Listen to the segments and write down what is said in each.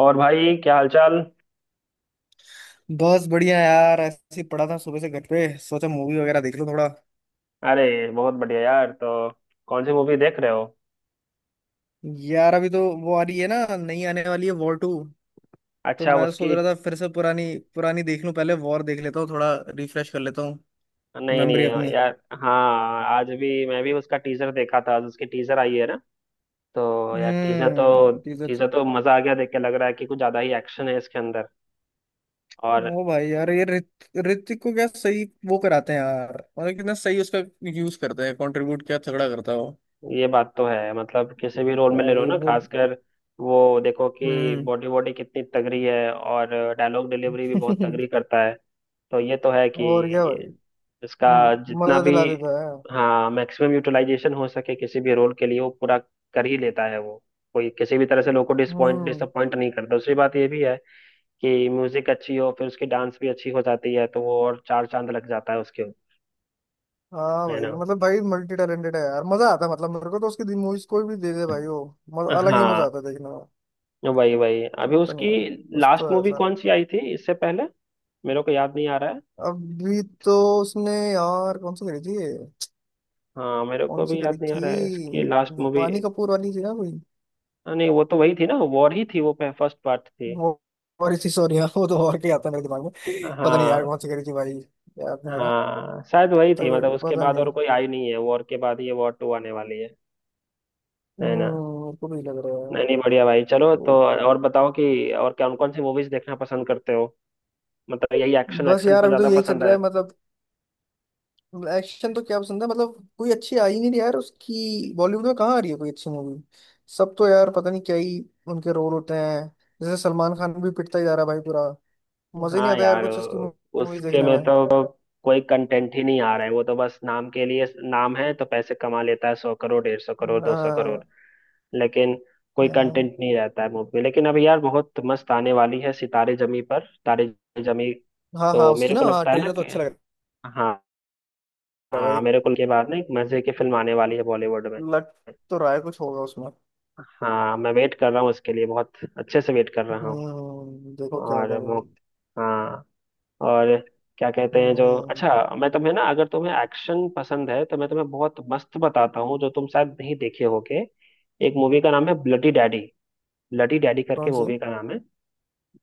और भाई क्या हालचाल। बस बढ़िया यार, ऐसे ही पड़ा था सुबह से घर पे। सोचा मूवी वगैरह देख लूं थोड़ा। अरे बहुत बढ़िया यार। तो कौन सी मूवी देख रहे हो? यार अभी तो वो आ रही है ना, नई आने वाली है वॉर टू। तो अच्छा, मैं तो सोच उसकी। रहा था फिर से पुरानी पुरानी देख लूं, पहले वॉर देख लेता हूँ, थोड़ा रिफ्रेश कर लेता हूँ नहीं नहीं मेमोरी अपनी। यार। हाँ, आज भी मैं भी उसका टीजर देखा था, आज उसकी टीजर आई है ना। तो यार टीजर हम्म। तो टीजर तो मजा आ गया देख के, लग रहा है कि कुछ ज्यादा ही एक्शन है इसके अंदर। और ओ भाई यार, ये ऋतिक को क्या सही वो कराते हैं यार। मतलब कितना सही उसका यूज करते हैं, कंट्रीब्यूट क्या तगड़ा करता है वो। ये बात तो है, मतलब किसी भी रोल में और। ले लो ना, वो। खासकर वो देखो कि हम्म। बॉडी बॉडी कितनी तगड़ी है, और डायलॉग डिलीवरी भी बहुत तगड़ी करता है। तो ये तो है कि और क्या भाई। इसका जितना मजा भी, दिला देता है। हाँ, मैक्सिमम यूटिलाइजेशन हो सके किसी भी रोल के लिए, वो पूरा कर ही लेता है वो। कोई किसी भी तरह से लोगों को डिसपॉइंट हम्म। डिसअपॉइंट नहीं करता। दूसरी बात ये भी है कि म्यूजिक अच्छी हो फिर उसकी डांस भी अच्छी हो जाती है, तो वो और चार चांद लग जाता है उसके ऊपर। हाँ है भाई, ना? मतलब भाई मल्टी टैलेंटेड है यार, मजा आता है। मतलब मेरे को तो उसकी मूवीज कोई भी दे दे भाई वो, अलग ही मजा हाँ। आता है देखने में। वही वही, अभी लगता नहीं उसकी है। कुछ तो लास्ट है मूवी सर। कौन सी आई थी इससे पहले, मेरे को याद नहीं आ रहा है। अभी तो उसने यार कौन सी करी थी ये? हाँ, मेरे को कौन सी भी करी याद नहीं आ थी? रहा है इसकी लास्ट मूवी। वानी कपूर वाली थी ना कोई? नहीं, वो तो वही थी ना, वॉर ही थी, वो फर्स्ट पार्ट थी। वो और थी, सॉरी यार। वो तो और क्या आता है मेरे दिमाग में, पता नहीं यार हाँ कौन सी करी थी भाई। याद नहीं आ रहा, हाँ, शायद वही थी। मतलब तो उसके पता बाद और नहीं। कोई आई नहीं है, वॉर के बाद ये वॉर टू आने वाली है। है हम्म, ना? मेरे को भी लग रहा नहीं नहीं, बढ़िया भाई, चलो। है। तो और बताओ कि और कौन कौन सी मूवीज देखना पसंद करते हो? मतलब यही एक्शन बस एक्शन यार पर अभी तो ज्यादा यही चल पसंद रहा है। है मतलब। एक्शन तो क्या पसंद है, मतलब कोई अच्छी आई नहीं रही यार। उसकी बॉलीवुड में कहाँ आ रही है कोई अच्छी मूवी? सब तो यार पता नहीं क्या ही उनके रोल होते हैं। जैसे सलमान खान भी पिटता ही जा रहा है भाई पूरा, मजा ही नहीं हाँ आता यार यार, कुछ उसकी मूवी उसके देखने में में। तो कोई कंटेंट ही नहीं आ रहा है, वो तो बस नाम के लिए, नाम है तो पैसे कमा लेता है, 100 करोड़, 150 करोड़, 200 करोड़, हाँ। लेकिन कोई हाँ। कंटेंट नहीं रहता है मूवी में। लेकिन अभी यार बहुत मस्त आने वाली है, सितारे जमी पर, तारे जमी। हाँ हाँ, तो उसकी मेरे ना। को हाँ, लगता है ना ट्रेलर तो कि अच्छा लग रहा हाँ, है हाँ भाई। मेरे को के बाद ना एक मजे की फिल्म आने वाली है बॉलीवुड में। लग तो रहा है कुछ होगा उसमें। हाँ, मैं वेट कर रहा हूँ उसके लिए, बहुत अच्छे से वेट कर रहा हूँ। हम्म, देखो क्या और होगा वो, भाई। हाँ, और क्या कहते हैं जो, हम्म। अच्छा, मैं तुम्हें ना, अगर तुम्हें एक्शन पसंद है तो मैं तुम्हें बहुत मस्त बताता हूँ जो तुम शायद नहीं देखे होगे। एक मूवी का नाम है ब्लडी डैडी। ब्लडी डैडी करके कौन सी? मूवी का नाम है।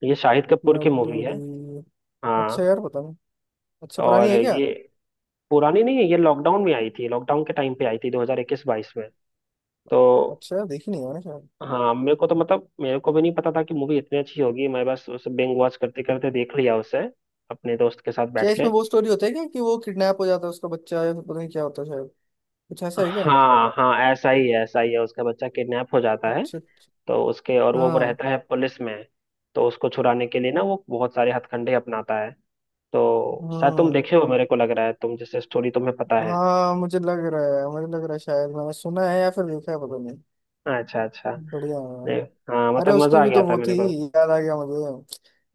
ये शाहिद कपूर की लड़- मूवी है। डड़ी। हाँ, अच्छा यार पता नहीं। अच्छा पुरानी और है क्या? ये पुरानी नहीं है, ये लॉकडाउन में आई थी, लॉकडाउन के टाइम पे आई थी, 2021-22 में। तो अच्छा यार देखी नहीं है मैंने। हाँ मेरे को तो, मतलब मेरे को भी नहीं पता था कि मूवी इतनी अच्छी होगी। मैं बस उसे बिंग वॉच करते करते देख लिया उसे, अपने दोस्त के साथ क्या बैठ के। इसमें वो स्टोरी होता है क्या कि वो किडनैप हो जाता है उसका बच्चा, या फिर पता नहीं क्या होता है शायद, कुछ ऐसा है क्या? हाँ हाँ, ऐसा ही है, ऐसा ही है, उसका बच्चा किडनैप हो जाता है। अच्छा अच्छा। तो उसके, और वो हाँ। रहता है पुलिस में। तो उसको छुड़ाने के लिए ना वो बहुत सारे हथकंडे अपनाता है। तो शायद तुम हम्म। देखे हो, मेरे को लग रहा है, तुम जैसे स्टोरी तुम्हें पता है। हाँ मुझे लग रहा है, मुझे लग रहा है, शायद मैंने सुना है या फिर देखा है पता नहीं। अच्छा अच्छा। बढ़िया है। नहीं, हाँ अरे मतलब उसकी मजा आ भी तो गया था वो थी, मेरे को। याद आ गया मुझे।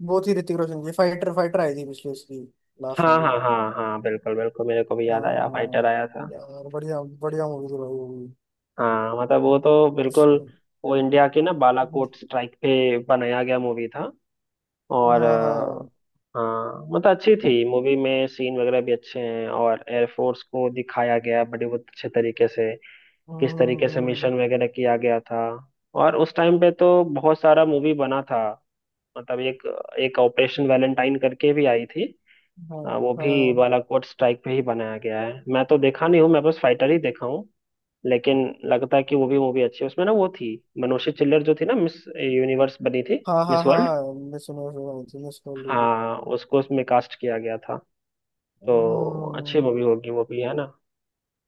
वो थी ऋतिक रोशन की फाइटर, फाइटर आई थी पिछले उसकी लास्ट हाँ मूवी। हाँ हाँ हाँ, बिल्कुल बिल्कुल, मेरे को भी याद आया फाइटर आया था। यार बढ़िया बढ़िया मूवी थी भाई वो भी। हाँ मतलब वो तो बिल्कुल, वो इंडिया के ना बालाकोट स्ट्राइक पे बनाया गया मूवी था। और हाँ हाँ। अ, हाँ मतलब अच्छी थी मूवी में, सीन वगैरह भी अच्छे हैं, और एयरफोर्स को दिखाया गया है बड़े बहुत अच्छे तरीके से, किस तरीके से हम्म। मिशन वगैरह किया गया था। और उस टाइम पे तो बहुत सारा मूवी बना था, मतलब एक एक ऑपरेशन वैलेंटाइन करके भी आई थी। हाँ वो भी हाँ बालाकोट स्ट्राइक पे ही बनाया गया है, मैं तो देखा नहीं हूँ, मैं बस फाइटर ही देखा। लेकिन लगता है कि वो भी मूवी अच्छी है। उसमें ना वो थी मनोषी चिल्लर, जो थी ना मिस यूनिवर्स बनी थी, हाँ हाँ, मिस वर्ल्ड। हाँ मैं सुनो सुनो सुनो सुनो लोगी। हाँ उसको उसमें कास्ट किया गया था। तो अच्छी हम्म। मूवी होगी वो भी, है ना।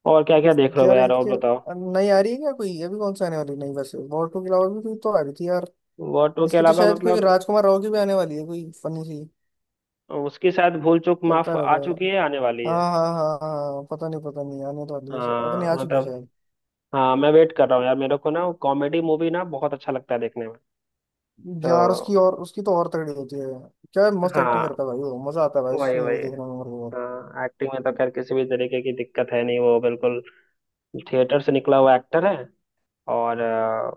और क्या क्या देख रहे हो यार यार, और इसके, बताओ। नहीं आ रही है क्या कोई अभी? कौन सा आने वाली, नहीं, वैसे वॉर टू के अलावा भी कोई तो आ रही थी यार। वो टू के इसकी तो अलावा, शायद कोई मतलब राजकुमार राव की भी आने वाली है कोई फनी सी। उसकी शायद भूल चूक माफ करता आ रहता चुकी है। है, आने वाली हाँ है। हाँ हाँ हाँ, पता नहीं पता नहीं, आने तो वाली है शायद, पता नहीं हाँ आ चुकी है मतलब, शायद। हाँ मैं वेट कर रहा हूँ यार, मेरे को ना कॉमेडी मूवी ना बहुत अच्छा लगता है देखने में। यार तो उसकी, और उसकी तो और तगड़ी होती है। क्या मस्त एक्टिंग हाँ, करता है भाई वो, मजा आता है भाई उसकी वही वही। मूवी देखने में मेरे को। हाँ, एक्टिंग में तो खैर किसी भी तरीके की दिक्कत है नहीं, वो बिल्कुल थिएटर से निकला हुआ एक्टर है। और अ,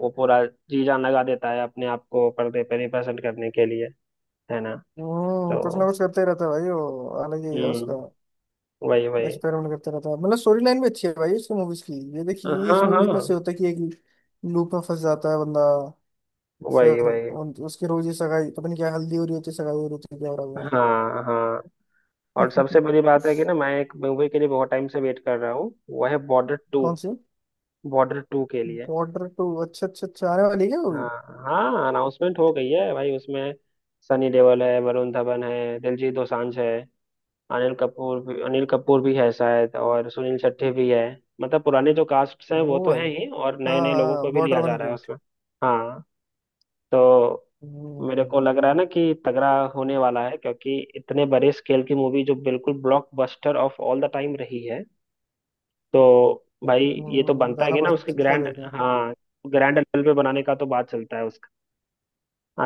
वो पूरा जी जान लगा देता है अपने आप को पर्दे पे रिप्रेजेंट करने के लिए। है ना? हम्म, तो कुछ ना कुछ करते ही रहता है भाई, वो अलग ही है उसका। हम्म, वही वही, बस पैरों करता रहता है मतलब। स्टोरी लाइन भी अच्छी है भाई इसकी मूवीज की। ये देखिए ये, हाँ इसमें भी हाँ, कितना सही होता है कि एक लूप में फंस जाता है बंदा, वही फिर वही। उसकी रोज ही सगाई पता नहीं, क्या हल्दी हो रही होती है, सगाई हो रही होती है, क्या हो रहा हाँ हाँ, है। और सबसे बड़ी बात है कि ना मैं एक मूवी के लिए बहुत टाइम से वेट कर रहा हूँ, वो है बॉर्डर टू। कौन सी? बॉर्डर टू के लिए, बॉर्डर टू? अच्छा अच्छा अच्छा, आने वाली है क्या वो हाँ भी? हाँ, अनाउंसमेंट हो गई है भाई उसमें। सनी देओल है, वरुण धवन है, दिलजीत दोसांझ है, अनिल कपूर भी है शायद, और सुनील शेट्टी भी है। मतलब पुराने जो कास्ट हैं वो ओ तो भाई। हैं ही, और हाँ नए नए लोगों हाँ, को भी बॉर्डर लिया जा वन रहा है पे। उसमें। हाँ, तो मेरे को हम्म, लग रहा है ना कि तगड़ा होने वाला है, क्योंकि इतने बड़े स्केल की मूवी, जो बिल्कुल blockbuster of all the time रही है। तो भाई ये तो बनता है जाना कि ना उसके पड़ता क्या ग्रैंड, देखना? हाँ, ग्रैंड लेवल पे बनाने का तो बात चलता है उसका।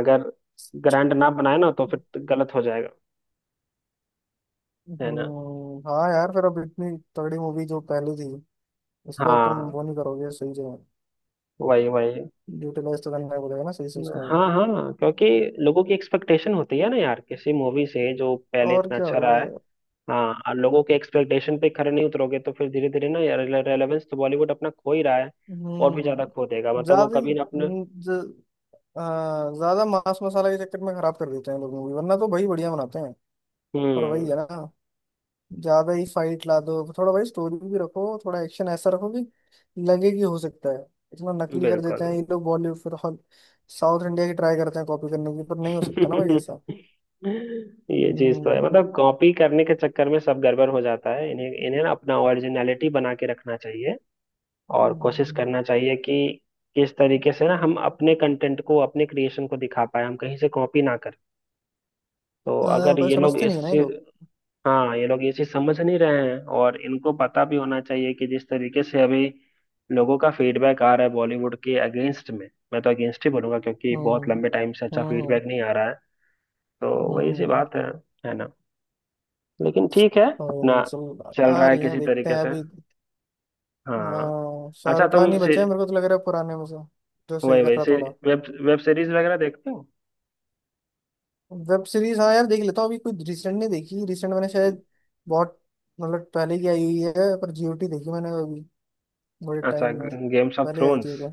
अगर ग्रैंड ना बनाए ना तो फिर गलत हो जाएगा। है ना? हम्म, हाँ यार, फिर अब इतनी तगड़ी मूवी जो पहले थी, उसको अब तुम हाँ, वो नहीं करोगे सही जगह। वही वही। यूटिलाइज तो करना पड़ेगा ना सही से उसको। हाँ हाँ, क्योंकि लोगों की एक्सपेक्टेशन होती है ना यार, किसी मूवी से जो पहले और इतना क्या अच्छा हो रहा है। ये। हाँ, और लोगों के एक्सपेक्टेशन पे खरे नहीं उतरोगे तो फिर धीरे धीरे ना यार, रेलेवेंस तो बॉलीवुड अपना खो ही रहा है, और भी ज्यादा खो देगा। हम्म, मतलब वो ज्यादा ही, कभी ना अपने, आ, ज्यादा मांस मसाला के चक्कर में खराब कर देते हैं लोग मूवी, वरना तो भाई बढ़िया बनाते हैं। पर वही हम्म, है ना, ज्यादा ही फाइट ला दो थोड़ा, भाई स्टोरी भी रखो, थोड़ा एक्शन ऐसा रखो कि लगे कि हो सकता है। इतना नकली कर बिल्कुल। देते हैं ये लोग बॉलीवुड, फिर हॉल साउथ इंडिया की ट्राई करते हैं कॉपी करने की, पर नहीं हो सकता ना भाई ऐसा। ये चीज तो हम्म। है, मतलब कॉपी करने के चक्कर में सब गड़बड़ हो जाता है। इन्हें इन्हें ना अपना ओरिजिनलिटी बना के रखना चाहिए, और कोशिश हम्म, करना चाहिए कि किस तरीके से ना हम अपने कंटेंट को, अपने क्रिएशन को दिखा पाए, हम कहीं से कॉपी ना करें। तो हाँ अगर भाई ये लोग समझते नहीं है ना ये इसी, लोग। हाँ ये लोग इसी समझ नहीं रहे हैं, और इनको पता भी होना चाहिए कि जिस तरीके से अभी लोगों का फीडबैक आ रहा है बॉलीवुड के अगेंस्ट में, मैं तो अगेंस्ट ही बोलूंगा क्योंकि बहुत हम्म। लंबे टाइम से अच्छा हम्म। फीडबैक नहीं आ रहा है। तो हम्म। वही सी हम्म। बात है। है ना? लेकिन ठीक है, और अपना नहीं, चल चल आ रहा है रही है, किसी देखते तरीके हैं से। अभी। हाँ, हाँ अच्छा शाहरुख खान तुम ही से, बचे हैं मेरे को तो लग रहा है पुराने में से, जो सही वही कर वही रहा से, थोड़ा। वेब वेब सीरीज वगैरह देखते हो? वेब सीरीज हाँ यार देख लेता हूँ। अभी कोई रिसेंट नहीं देखी, रिसेंट मैंने शायद बहुत, मतलब पहले की आई हुई है, पर जीओटी देखी मैंने अभी बड़े अच्छा, टाइम में। गेम्स ऑफ पहले आई थ्रोन्स। थी तो।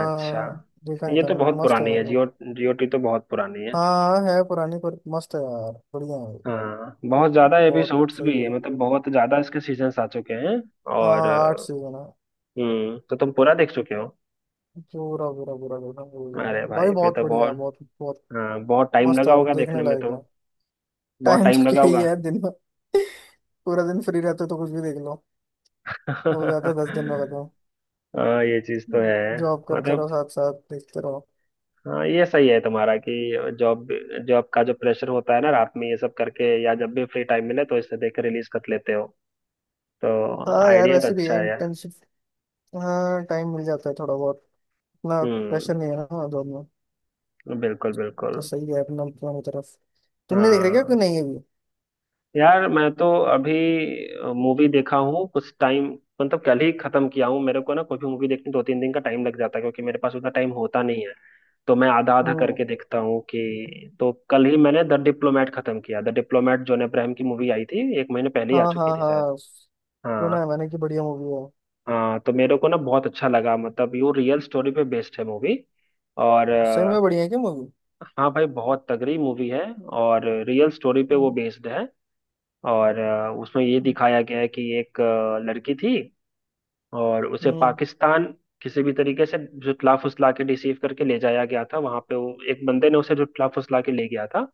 अच्छा, देखा नहीं ये था तो मैंने, बहुत मस्त है पुरानी है यार वो। जियो, जीओटी तो बहुत पुरानी है। हाँ है पुरानी पर मस्त है यार, बढ़िया है। हाँ, बहुत ज्यादा बहुत एपिसोड्स भी सही है, है। मतलब बहुत ज्यादा इसके सीजन्स आ चुके हैं। और हाँ अ, 8 सीजन है। हम्म, तो तुम पूरा देख चुके हो? पूरा पूरा पूरा देखा पूरा। अरे भाई भाई फिर बहुत तो बढ़िया है बहुत, बहुत बहुत। हाँ, बहुत टाइम मस्त है लगा भाई, होगा देखने देखने में लायक तो, है। बहुत टाइम टाइम तो लगा क्या ही होगा। है दिन में, पूरा दिन फ्री रहते हो तो कुछ भी देख लो। हो जाता है 10 दिन में खत्म। हाँ ये चीज तो है। जॉब करते मतलब रहो साथ साथ देखते रहो। हाँ ये सही है तुम्हारा कि जॉब, जॉब का जो प्रेशर होता है ना, रात में ये सब करके या जब भी फ्री टाइम मिले तो इसे देख के रिलीज कर लेते हो। तो हाँ यार आइडिया तो वैसे भी अच्छा है यार। इंटर्नशिप, हाँ, टाइम मिल जाता है थोड़ा बहुत, इतना प्रेशर हम्म, नहीं है ना, हाँ, जॉब में। बिल्कुल बिल्कुल। तो सही है अपना दोनों तरफ। तुमने देख रहे क्या कि हाँ नहीं अभी? यार, मैं तो अभी मूवी देखा हूँ कुछ टाइम, मतलब कल ही खत्म किया हूँ। मेरे को ना कोई भी मूवी देखने दो तीन दिन का टाइम लग जाता है, क्योंकि मेरे पास उतना टाइम होता नहीं है। तो मैं आधा आधा हम्म। करके देखता हूँ कि, तो कल ही मैंने द डिप्लोमेट खत्म किया। द डिप्लोमेट, जॉन अब्राहम की मूवी, आई थी एक महीने पहले ही, आ हाँ चुकी हाँ थी शायद। हाँ सुना हाँ है मैंने कि बढ़िया मूवी हाँ, तो मेरे को ना बहुत अच्छा लगा, मतलब यू रियल स्टोरी पे बेस्ड है मूवी। और है। सही में बढ़िया है क्या मूवी? हाँ भाई, बहुत तगड़ी मूवी है, और रियल स्टोरी पे वो हम्म। बेस्ड है। उसमें ये दिखाया गया है कि एक लड़की थी और उसे हम्म। पाकिस्तान किसी भी तरीके से जुटला फुसला के रिसीव करके ले जाया गया था। वहां पे वो एक बंदे ने उसे जुटला फुसला के ले गया था।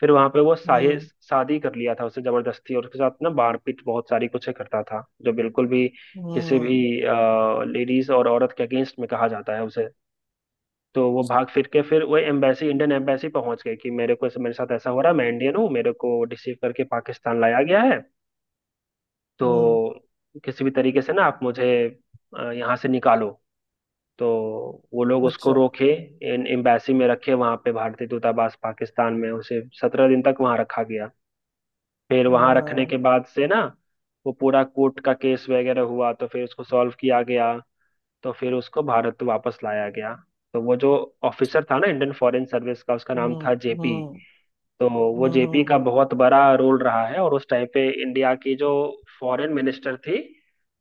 फिर वहां पे वो शाही हम्म। शादी कर लिया था उसे जबरदस्ती, और उसके साथ ना मारपीट बहुत सारी कुछ करता था, जो बिल्कुल भी किसी भी हम्म। लेडीज और औरत के अगेंस्ट में कहा जाता है उसे। तो वो भाग फिर के, फिर वो एम्बेसी, इंडियन एम्बेसी पहुंच गए कि मेरे को, मेरे साथ ऐसा हो रहा है, मैं इंडियन हूँ, मेरे को रिसीव करके पाकिस्तान लाया गया है। हम्म। तो किसी भी तरीके से ना आप मुझे यहाँ से निकालो। तो वो लोग उसको अच्छा। रोके इन एम्बेसी में, रखे वहां पे, भारतीय दूतावास पाकिस्तान में, उसे 17 दिन तक वहां रखा गया। फिर हाँ वहां रखने के हाँ। बाद से ना वो पूरा कोर्ट का केस वगैरह हुआ, तो फिर उसको सॉल्व किया गया, तो फिर उसको भारत वापस लाया गया। तो वो जो ऑफिसर था ना, इंडियन फॉरेन सर्विस का, उसका नाम हम्म। था जेपी। हम्म। तो वो हम्म। जेपी हम्म। का बहुत बड़ा रोल रहा है। और उस टाइम पे इंडिया की जो फॉरेन मिनिस्टर थी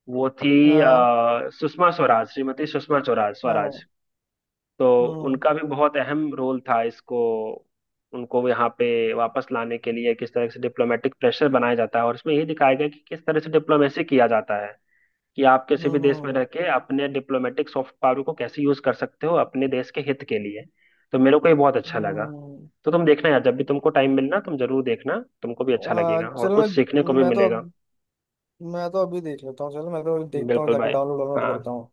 वो थी हाँ सुषमा स्वराज, श्रीमती सुषमा स्वराज हाँ। स्वराज तो हम्म। उनका भी बहुत अहम रोल था, इसको, उनको यहाँ पे वापस लाने के लिए। किस तरह से डिप्लोमेटिक प्रेशर बनाया जाता है और इसमें ये दिखाया गया कि किस तरह से डिप्लोमेसी किया जाता है, कि आप किसी भी देश में रह हम्म। के अपने डिप्लोमेटिक सॉफ्ट पावर को कैसे यूज कर सकते हो अपने देश के हित के लिए। तो मेरे को ये बहुत अच्छा लगा। हम्म। तो तुम देखना यार, जब भी तुमको टाइम मिलना तुम जरूर देखना, तुमको भी अच्छा हाँ लगेगा और चल कुछ मैं सीखने को भी मैं तो मिलेगा। अब, मैं तो अभी देख लेता हूँ चलो, मैं तो अभी देखता हूँ बिल्कुल जाके, भाई। डाउनलोड डाउनलोड हाँ, करता हूँ।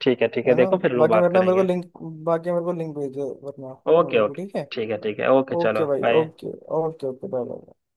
ठीक है ठीक है, है ना? देखो, फिर लोग बाकी बात वरना मेरे को करेंगे। लिंक, बाकी मेरे को लिंक भेज दो वरना ओके मूवी को, ओके, ठीक है? ठीक है ठीक है, ओके चलो, ओके भाई bye. Okay, okay okay, bye bye.